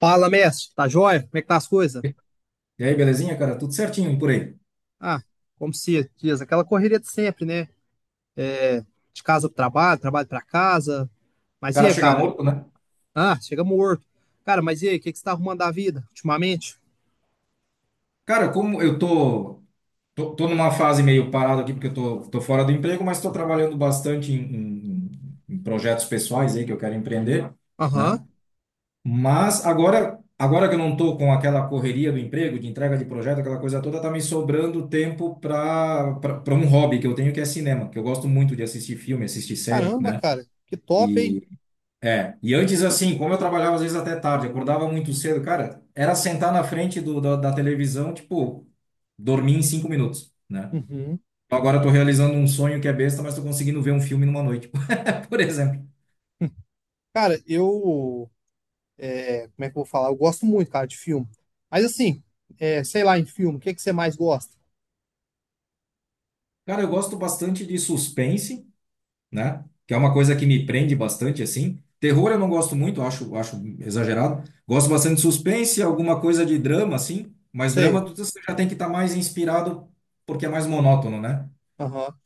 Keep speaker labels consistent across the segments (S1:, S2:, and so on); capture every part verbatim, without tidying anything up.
S1: Fala, mestre. Tá joia? Como é que tá as coisas?
S2: E aí, belezinha, cara? Tudo certinho e por aí. O
S1: Ah, como se diz, aquela correria de sempre, né? É, de casa pro trabalho, trabalho pra casa. Mas e
S2: cara
S1: aí,
S2: chega
S1: cara?
S2: morto, né?
S1: Ah, chega morto. Cara, mas e aí, o que que você tá arrumando da vida ultimamente?
S2: Cara, como eu tô, tô, tô numa fase meio parada aqui, porque eu tô, tô fora do emprego, mas tô trabalhando bastante em, em- em projetos pessoais aí que eu quero empreender,
S1: Aham.
S2: né? Mas agora, agora que eu não tô com aquela correria do emprego, de entrega de projeto, aquela coisa toda, tá me sobrando tempo para para um hobby que eu tenho, que é cinema, que eu gosto muito de assistir filme, assistir série,
S1: Caramba,
S2: né?
S1: cara. Que top, hein?
S2: É, e antes assim, como eu trabalhava às vezes até tarde, acordava muito cedo, cara, era sentar na frente do, da, da televisão, tipo, dormir em cinco minutos, né?
S1: Uhum.
S2: Agora eu tô realizando um sonho que é besta, mas tô conseguindo ver um filme numa noite, por exemplo.
S1: Cara, eu... é, como é que eu vou falar? Eu gosto muito, cara, de filme. Mas assim, é, sei lá, em filme, o que que você mais gosta?
S2: Cara, eu gosto bastante de suspense, né? Que é uma coisa que me prende bastante, assim. Terror eu não gosto muito, acho, acho exagerado. Gosto bastante de suspense, alguma coisa de drama, assim, mas drama
S1: Sei.
S2: tu- você já tem que estar mais inspirado porque é mais monótono, né?
S1: Aham.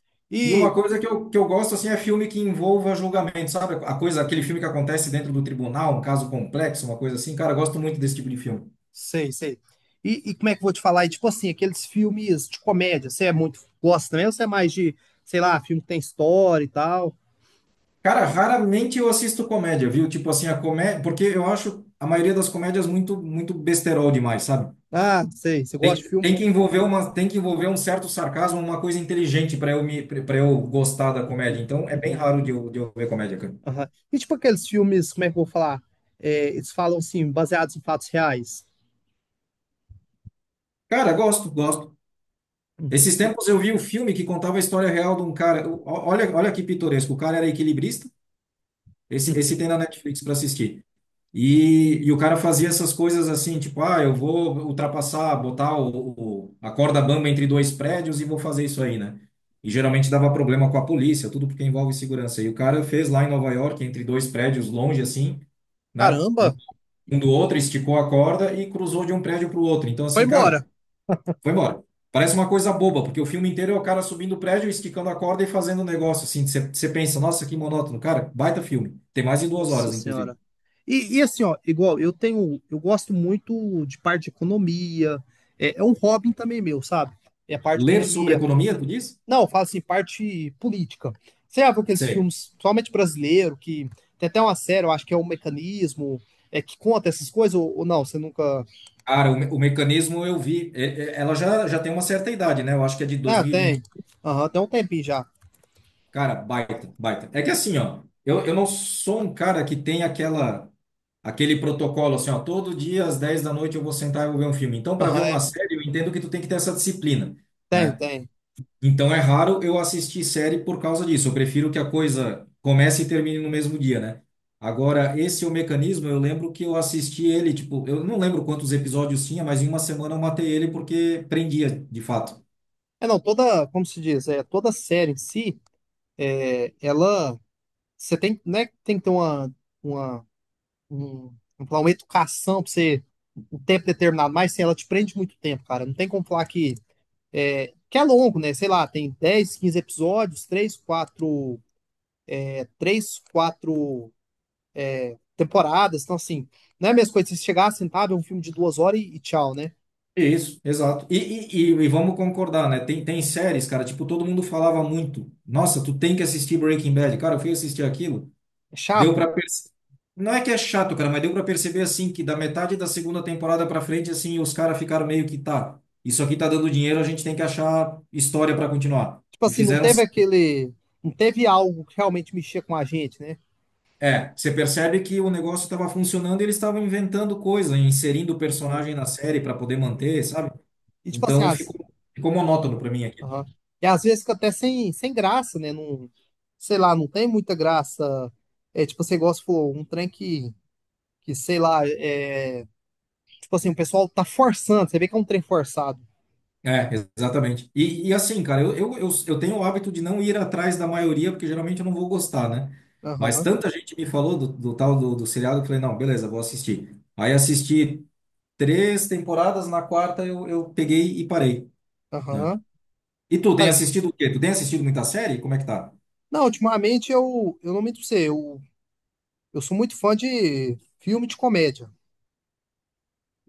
S2: E uma coisa que eu, que eu gosto assim é filme que envolva julgamento, sabe? A coisa, aquele filme que acontece dentro do tribunal, um caso complexo, uma coisa assim. Cara, eu gosto muito desse tipo de filme.
S1: Sei, sei. E, e como é que eu vou te falar? E tipo assim, aqueles filmes de comédia, você é muito, gosta também ou você é mais de, sei lá, filme que tem história e tal?
S2: Cara, raramente eu assisto comédia, viu? Tipo assim, a comédia, porque eu acho a maioria das comédias muito muito besterol demais, sabe?
S1: Ah, sei, você gosta
S2: Tem,
S1: de filme?
S2: tem que envolver uma, tem que envolver um certo sarcasmo, uma coisa inteligente para eu me para eu gostar da comédia.
S1: Uhum,
S2: Então, é bem
S1: uhum,
S2: raro de eu, de eu ver comédia, cara.
S1: aham. E tipo aqueles filmes, como é que eu vou falar? É, eles falam assim, baseados em fatos reais.
S2: Cara, gosto, gosto.
S1: Uhum,
S2: Esses
S1: e-
S2: tempos eu vi um filme que contava a história real de um cara. O- Olha, olha que pitoresco. O cara era equilibrista. Esse, esse tem
S1: uhum.
S2: na Netflix para assistir. E, e o cara fazia essas coisas assim, tipo, ah, eu vou ultrapassar, botar o, o- a corda bamba entre dois prédios e vou fazer isso aí, né? E geralmente dava problema com a polícia, tudo porque envolve segurança. E o cara fez lá em Nova York, entre dois prédios longe assim, né? Um,
S1: Caramba,
S2: um do outro, esticou a corda e cruzou de um prédio para o outro. Então,
S1: foi
S2: assim,
S1: embora.
S2: cara. Foi embora. Parece uma coisa boba, porque o filme inteiro é o cara subindo o prédio, esticando a corda e fazendo um negócio assim. Você você pensa, nossa, que monótono. Cara, baita filme. Tem mais de duas
S1: Nossa
S2: horas, inclusive.
S1: Senhora. E, e assim, ó, igual, eu tenho, eu gosto muito de parte de economia, é, é um hobby também meu, sabe? É a parte de
S2: Ler sobre
S1: economia,
S2: economia, tu diz?
S1: não, fala assim, parte política. Você já viu aqueles
S2: Sei.
S1: filmes, principalmente brasileiro, que tem até uma série, eu acho que é o Mecanismo, é que conta essas coisas, ou, ou não? Você nunca.
S2: Cara, o, me- o mecanismo eu vi. É- é- Ela já, já tem uma certa idade, né? Eu acho que é de
S1: Ah, tem.
S2: dois mil e vinte.
S1: Aham, tem um tempinho já.
S2: Cara, baita, baita. É que assim, ó, eu, eu não sou um cara que tem aquela, aquele protocolo assim, ó, todo dia às dez da noite eu vou sentar e vou ver um filme. Então, para ver
S1: Aham,
S2: uma
S1: é-
S2: série, eu entendo que tu tem que ter essa disciplina,
S1: tem,
S2: né?
S1: tem.
S2: Então é raro eu assistir série por causa disso. Eu prefiro que a coisa comece e termine no mesmo dia, né? Agora, esse é o mecanismo, eu lembro que eu assisti ele, tipo, eu não lembro quantos episódios tinha, mas em uma semana eu matei ele porque prendia, de fato.
S1: É, não, toda, como se diz, é, toda série em si, é, ela, você tem, né, tem que ter uma, uma, um, vamos falar, uma educação pra você, um tempo determinado, mas assim, ela te prende muito tempo, cara. Não tem como falar que é, que é longo, né? Sei lá, tem dez quinze episódios, três quatro é, três, quatro temporadas. Então, assim, não é a mesma coisa se chegar, sentar, ver um filme de duas horas e, e tchau, né?
S2: Isso, exato. E, e, e, e vamos concordar, né? Tem, tem séries, cara, tipo, todo mundo falava muito. Nossa, tu tem que assistir Breaking Bad. Cara, eu fui assistir aquilo.
S1: É
S2: Deu
S1: chato.
S2: para perceber. Não é que é chato, cara, mas deu para perceber assim que da metade da segunda temporada para frente assim os caras ficaram meio que tá. Isso aqui tá dando dinheiro, a gente tem que achar história para continuar.
S1: Tipo
S2: E
S1: assim, não
S2: fizeram
S1: teve aquele. Não teve algo que realmente mexia com a gente, né?
S2: é, você percebe que o negócio estava funcionando e eles estavam inventando coisa, inserindo
S1: Uhum,
S2: personagem na série para poder
S1: uhum.
S2: manter, sabe?
S1: E tipo assim,
S2: Então ficou
S1: as.
S2: ficou monótono
S1: Aham,
S2: para mim aqui.
S1: aham. E às vezes fica até sem, sem graça, né? Não, sei lá, não tem muita graça. É tipo, você gosta, pô, um trem que, que sei lá, é. Tipo assim, o pessoal tá forçando, você vê que é um trem forçado.
S2: É, exatamente. E, e assim, cara, eu, eu, eu, eu tenho o hábito de não ir atrás da maioria, porque geralmente eu não vou gostar, né? Mas
S1: Aham,
S2: tanta gente me falou do, do tal do, do seriado que eu falei, não, beleza, vou assistir. Aí assisti três temporadas, na quarta eu, eu peguei e parei, né?
S1: aham.
S2: E tu, tem
S1: Cara,
S2: assistido o quê? Tu tem assistido muita série? Como é que tá?
S1: não, ultimamente eu, eu não me sei, eu, eu sou muito fã de filme de comédia.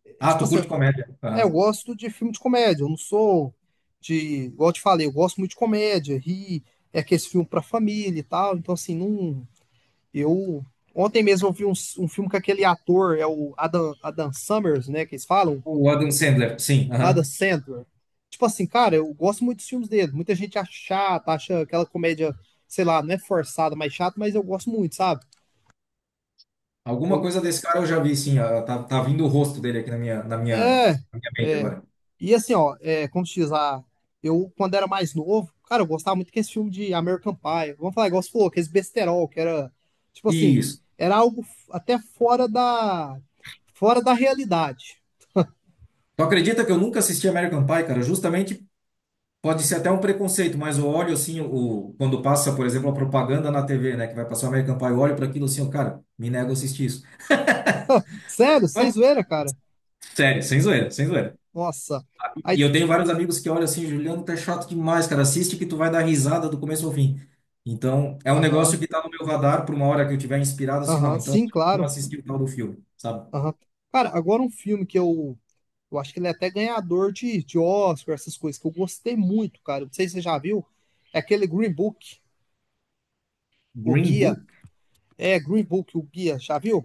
S1: É,
S2: Ah,
S1: tipo
S2: tu
S1: assim,
S2: curte comédia.
S1: é, eu
S2: Aham.
S1: gosto de filme de comédia, eu não sou de, igual eu te falei, eu gosto muito de comédia, ri, é aquele filme pra família e tal, então assim, não, eu, ontem mesmo eu vi um, um filme com aquele ator, é o Adam, Adam Summers, né, que eles falam,
S2: O Adam Sandler, sim.
S1: Adam
S2: Aham.
S1: Sandler. Tipo assim, cara, eu gosto muito dos filmes dele. Muita gente acha chata, acha aquela comédia, sei lá, não é forçada, mas chata, mas eu gosto muito, sabe?
S2: Alguma
S1: Eu,
S2: coisa desse cara eu já vi, sim. ah, Tá, tá vindo o rosto dele aqui na minha, na minha,
S1: é,
S2: na minha mente
S1: é.
S2: agora.
S1: E assim, ó, é, como se diz lá, eu, quando era mais novo, cara, eu gostava muito desse filme de American Pie. Vamos falar, igual você falou, aqueles besterol, que era, tipo assim,
S2: Isso.
S1: era algo f- até fora da, fora da realidade.
S2: Tu acredita que eu nunca assisti American Pie, cara? Justamente pode ser até um preconceito, mas eu olho assim, o, quando passa, por exemplo, a propaganda na T V, né? Que vai passar American Pie, eu olho para aquilo assim, eu, cara, me nego a assistir isso.
S1: Sério, sem
S2: Ah,
S1: zoeira, cara.
S2: sério, sem zoeira, sem zoeira.
S1: Nossa. Aí,
S2: E eu tenho vários amigos que olham assim, Juliano, tá chato demais, cara. Assiste que tu vai dar risada do começo ao fim. Então, é um
S1: aham,
S2: negócio que tá no meu radar por uma hora que eu tiver inspirado, assim, não.
S1: aham,
S2: Então,
S1: sim,
S2: vamos
S1: claro.
S2: assistir o tal do filme, sabe?
S1: Aham. Cara, agora um filme que eu, eu acho que ele é até ganhador de, de Oscar, essas coisas, que eu gostei muito, cara. Não sei se você já viu. É aquele Green Book, o
S2: Green
S1: Guia.
S2: Book?
S1: É, Green Book, o Guia, já viu?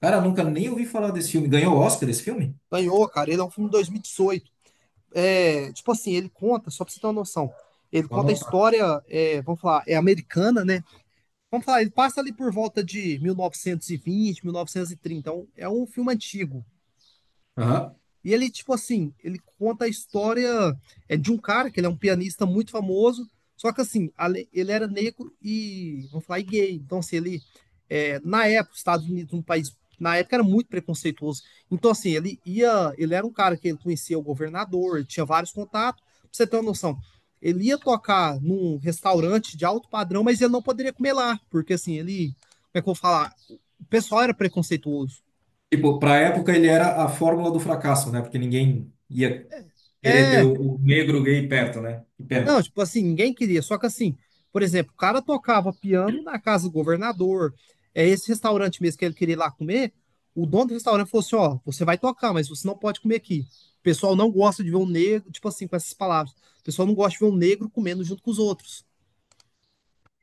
S2: Cara, nunca nem ouvi falar desse filme. Ganhou Oscar esse filme?
S1: Ganhou, cara. Ele é um filme de dois mil e dezoito. É, tipo assim, ele conta, só pra você ter uma noção. Ele
S2: Vou
S1: conta a
S2: anotar.
S1: história, é, vamos falar, é americana, né? Vamos falar, ele passa ali por volta de mil novecentos e vinte, mil novecentos e trinta. Então, é um filme antigo.
S2: Aham.
S1: E ele, tipo assim, ele conta a história é de um cara, que ele é um pianista muito famoso, só que assim, ale- ele era negro e, vamos falar, e gay. Então, assim, ele, é, na época, os Estados Unidos, um país, na época era muito preconceituoso. Então, assim, ele ia, ele era um cara que ele conhecia o governador, ele tinha vários contatos. Pra você ter uma noção, ele ia tocar num restaurante de alto padrão, mas ele não poderia comer lá, porque assim, ele, como é que eu vou falar? O pessoal era preconceituoso.
S2: Tipo, pra época ele era a fórmula do fracasso, né? Porque ninguém ia querer ter
S1: É,
S2: o, o negro gay perto, né? Que
S1: não,
S2: pena.
S1: tipo assim, ninguém queria. Só que assim, por exemplo, o cara tocava piano na casa do governador. É esse restaurante mesmo que ele queria ir lá comer. O dono do restaurante falou assim: ó, você vai tocar, mas você não pode comer aqui. O pessoal não gosta de ver um negro, tipo assim, com essas palavras. O pessoal não gosta de ver um negro comendo junto com os outros.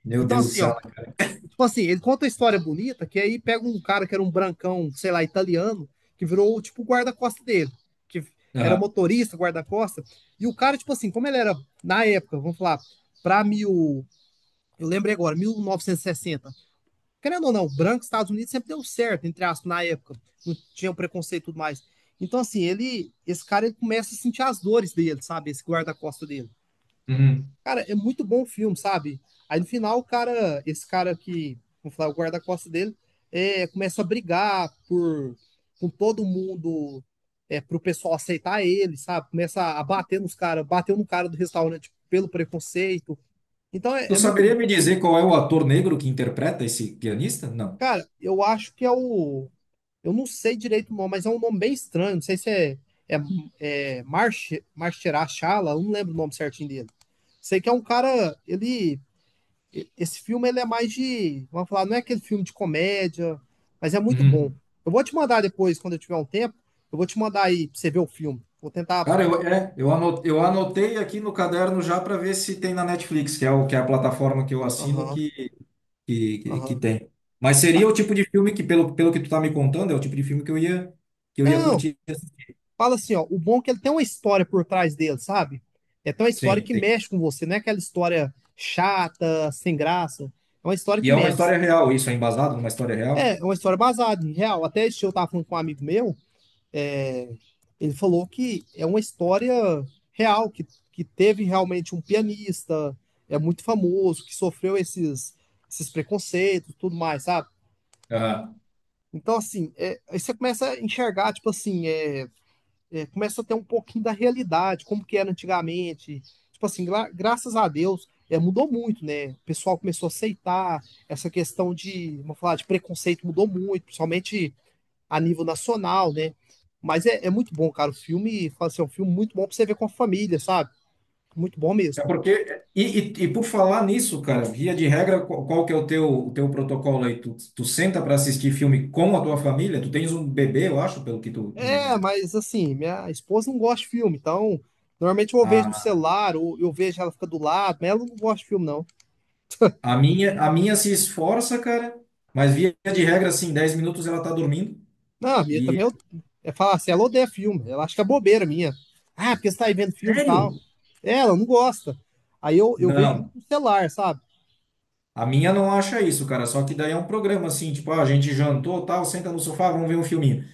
S2: Meu
S1: Então,
S2: Deus do
S1: assim, ó,
S2: céu, né?
S1: tipo assim, ele conta a história bonita, que aí pega um cara que era um brancão, sei lá, italiano, que virou tipo o guarda-costa dele, que era
S2: Aham.
S1: motorista, guarda-costa. E o cara, tipo assim, como ele era na época, vamos falar, para mil. Eu lembrei agora, mil novecentos e sessenta. Querendo ou não, branco, Estados Unidos sempre deu certo, entre aspas, na época. Não tinha um preconceito e tudo mais. Então, assim, ele, esse cara ele começa a sentir as dores dele, sabe? Esse guarda-costa dele.
S2: Uhum.
S1: Cara, é muito bom o filme, sabe? Aí no final, o cara, esse cara que, vamos falar, o guarda-costas dele, é, começa a brigar por, com todo mundo, é, pro pessoal aceitar ele, sabe? Começa a bater nos caras, bateu no cara do restaurante pelo preconceito. Então é,
S2: Tu
S1: é muito.
S2: saberia me dizer qual é o ator negro que interpreta esse pianista? Não.
S1: Cara, eu acho que é o. Eu não sei direito o nome, mas é um nome bem estranho. Não sei se é, é, é March, Marcherachala, eu não lembro o nome certinho dele. Sei que é um cara. Ele Esse filme ele é mais de, vamos falar, não é aquele filme de comédia, mas é muito bom.
S2: Uhum.
S1: Eu vou te mandar depois, quando eu tiver um tempo, eu vou te mandar aí pra você ver o filme. Vou tentar.
S2: Cara, eu, é, eu ano- eu anotei aqui no caderno já para ver se tem na Netflix, que é, o, que é a plataforma que eu assino
S1: Aham,
S2: que, que, que, que
S1: aham.
S2: tem. Mas seria
S1: Fa-
S2: o tipo de filme que, pelo, pelo que tu tá me contando, é o tipo de filme que eu ia, que eu ia
S1: Não,
S2: curtir.
S1: fala assim, ó. O bom é que ele tem uma história por trás dele, sabe? É até uma história
S2: Sim,
S1: que
S2: sim.
S1: mexe com você, não é aquela história chata, sem graça. É uma história
S2: E
S1: que
S2: é uma
S1: mexe.
S2: história real, isso é embasado numa história
S1: É,
S2: real?
S1: é uma história baseada em real. Até esse dia eu tava falando com um amigo meu. Ele falou que é uma história real, que, que teve realmente um pianista, é muito famoso, que sofreu esses, esses preconceitos, tudo mais, sabe?
S2: Ah,
S1: Então, assim, é, aí você começa a enxergar, tipo assim, é, é, começa a ter um pouquinho da realidade, como que era antigamente. Tipo assim, gra graças a Deus, é, mudou muito, né? O pessoal começou a aceitar essa questão de, vamos falar, de preconceito mudou muito, principalmente a nível nacional, né? Mas é, é muito bom, cara. O filme, assim, é um filme muito bom pra você ver com a família, sabe? Muito bom
S2: é
S1: mesmo.
S2: porque e, e, e por falar nisso, cara, via de regra, qual, qual que é o teu, o teu, protocolo aí? Tu, tu senta para assistir filme com a tua família? Tu tens um bebê, eu acho, pelo que tu me,
S1: É,
S2: me-
S1: mas assim, minha esposa não gosta de filme, então normalmente eu vejo no
S2: a,
S1: celular, ou eu vejo ela fica do lado, mas ela não gosta de filme, não.
S2: a minha a minha se esforça, cara, mas via de regra assim, dez minutos ela tá dormindo.
S1: Não, a minha
S2: E
S1: também eu, é falar assim, ela odeia filme, ela acha que é bobeira minha. Ah, porque você tá aí vendo filme e tal.
S2: sério?
S1: É, ela não gosta. Aí eu, eu vejo muito
S2: Não.
S1: no celular, sabe?
S2: A minha não acha isso, cara. Só que daí é um programa assim, tipo, ah, a gente jantou, tal, senta no sofá, vamos ver um filminho.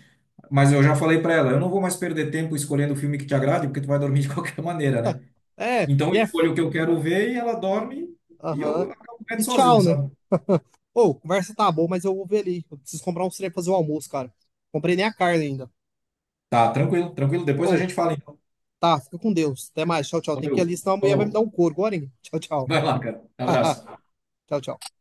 S2: Mas eu já falei para ela, eu não vou mais perder tempo escolhendo o filme que te agrade, porque tu vai dormir de qualquer maneira, né?
S1: É,
S2: Então eu
S1: yeah,
S2: escolho o que eu quero ver e ela dorme e
S1: aham,
S2: eu acabo vendo
S1: e
S2: sozinho,
S1: tchau, né?
S2: sabe?
S1: Ô, conversa tá boa, mas eu vou ver ali. Eu preciso comprar uns trem pra fazer o almoço, cara. Comprei nem a carne ainda.
S2: Tá, tranquilo, tranquilo. Depois a
S1: Ô,
S2: gente fala então.
S1: tá, fica com Deus. Até mais. Tchau, tchau. Tem que ir ali,
S2: Valeu.
S1: senão a mulher vai me dar
S2: Falou.
S1: um couro agora, hein? Tchau, tchau.
S2: Vai lá, cara. Abraço.
S1: Tchau, tchau.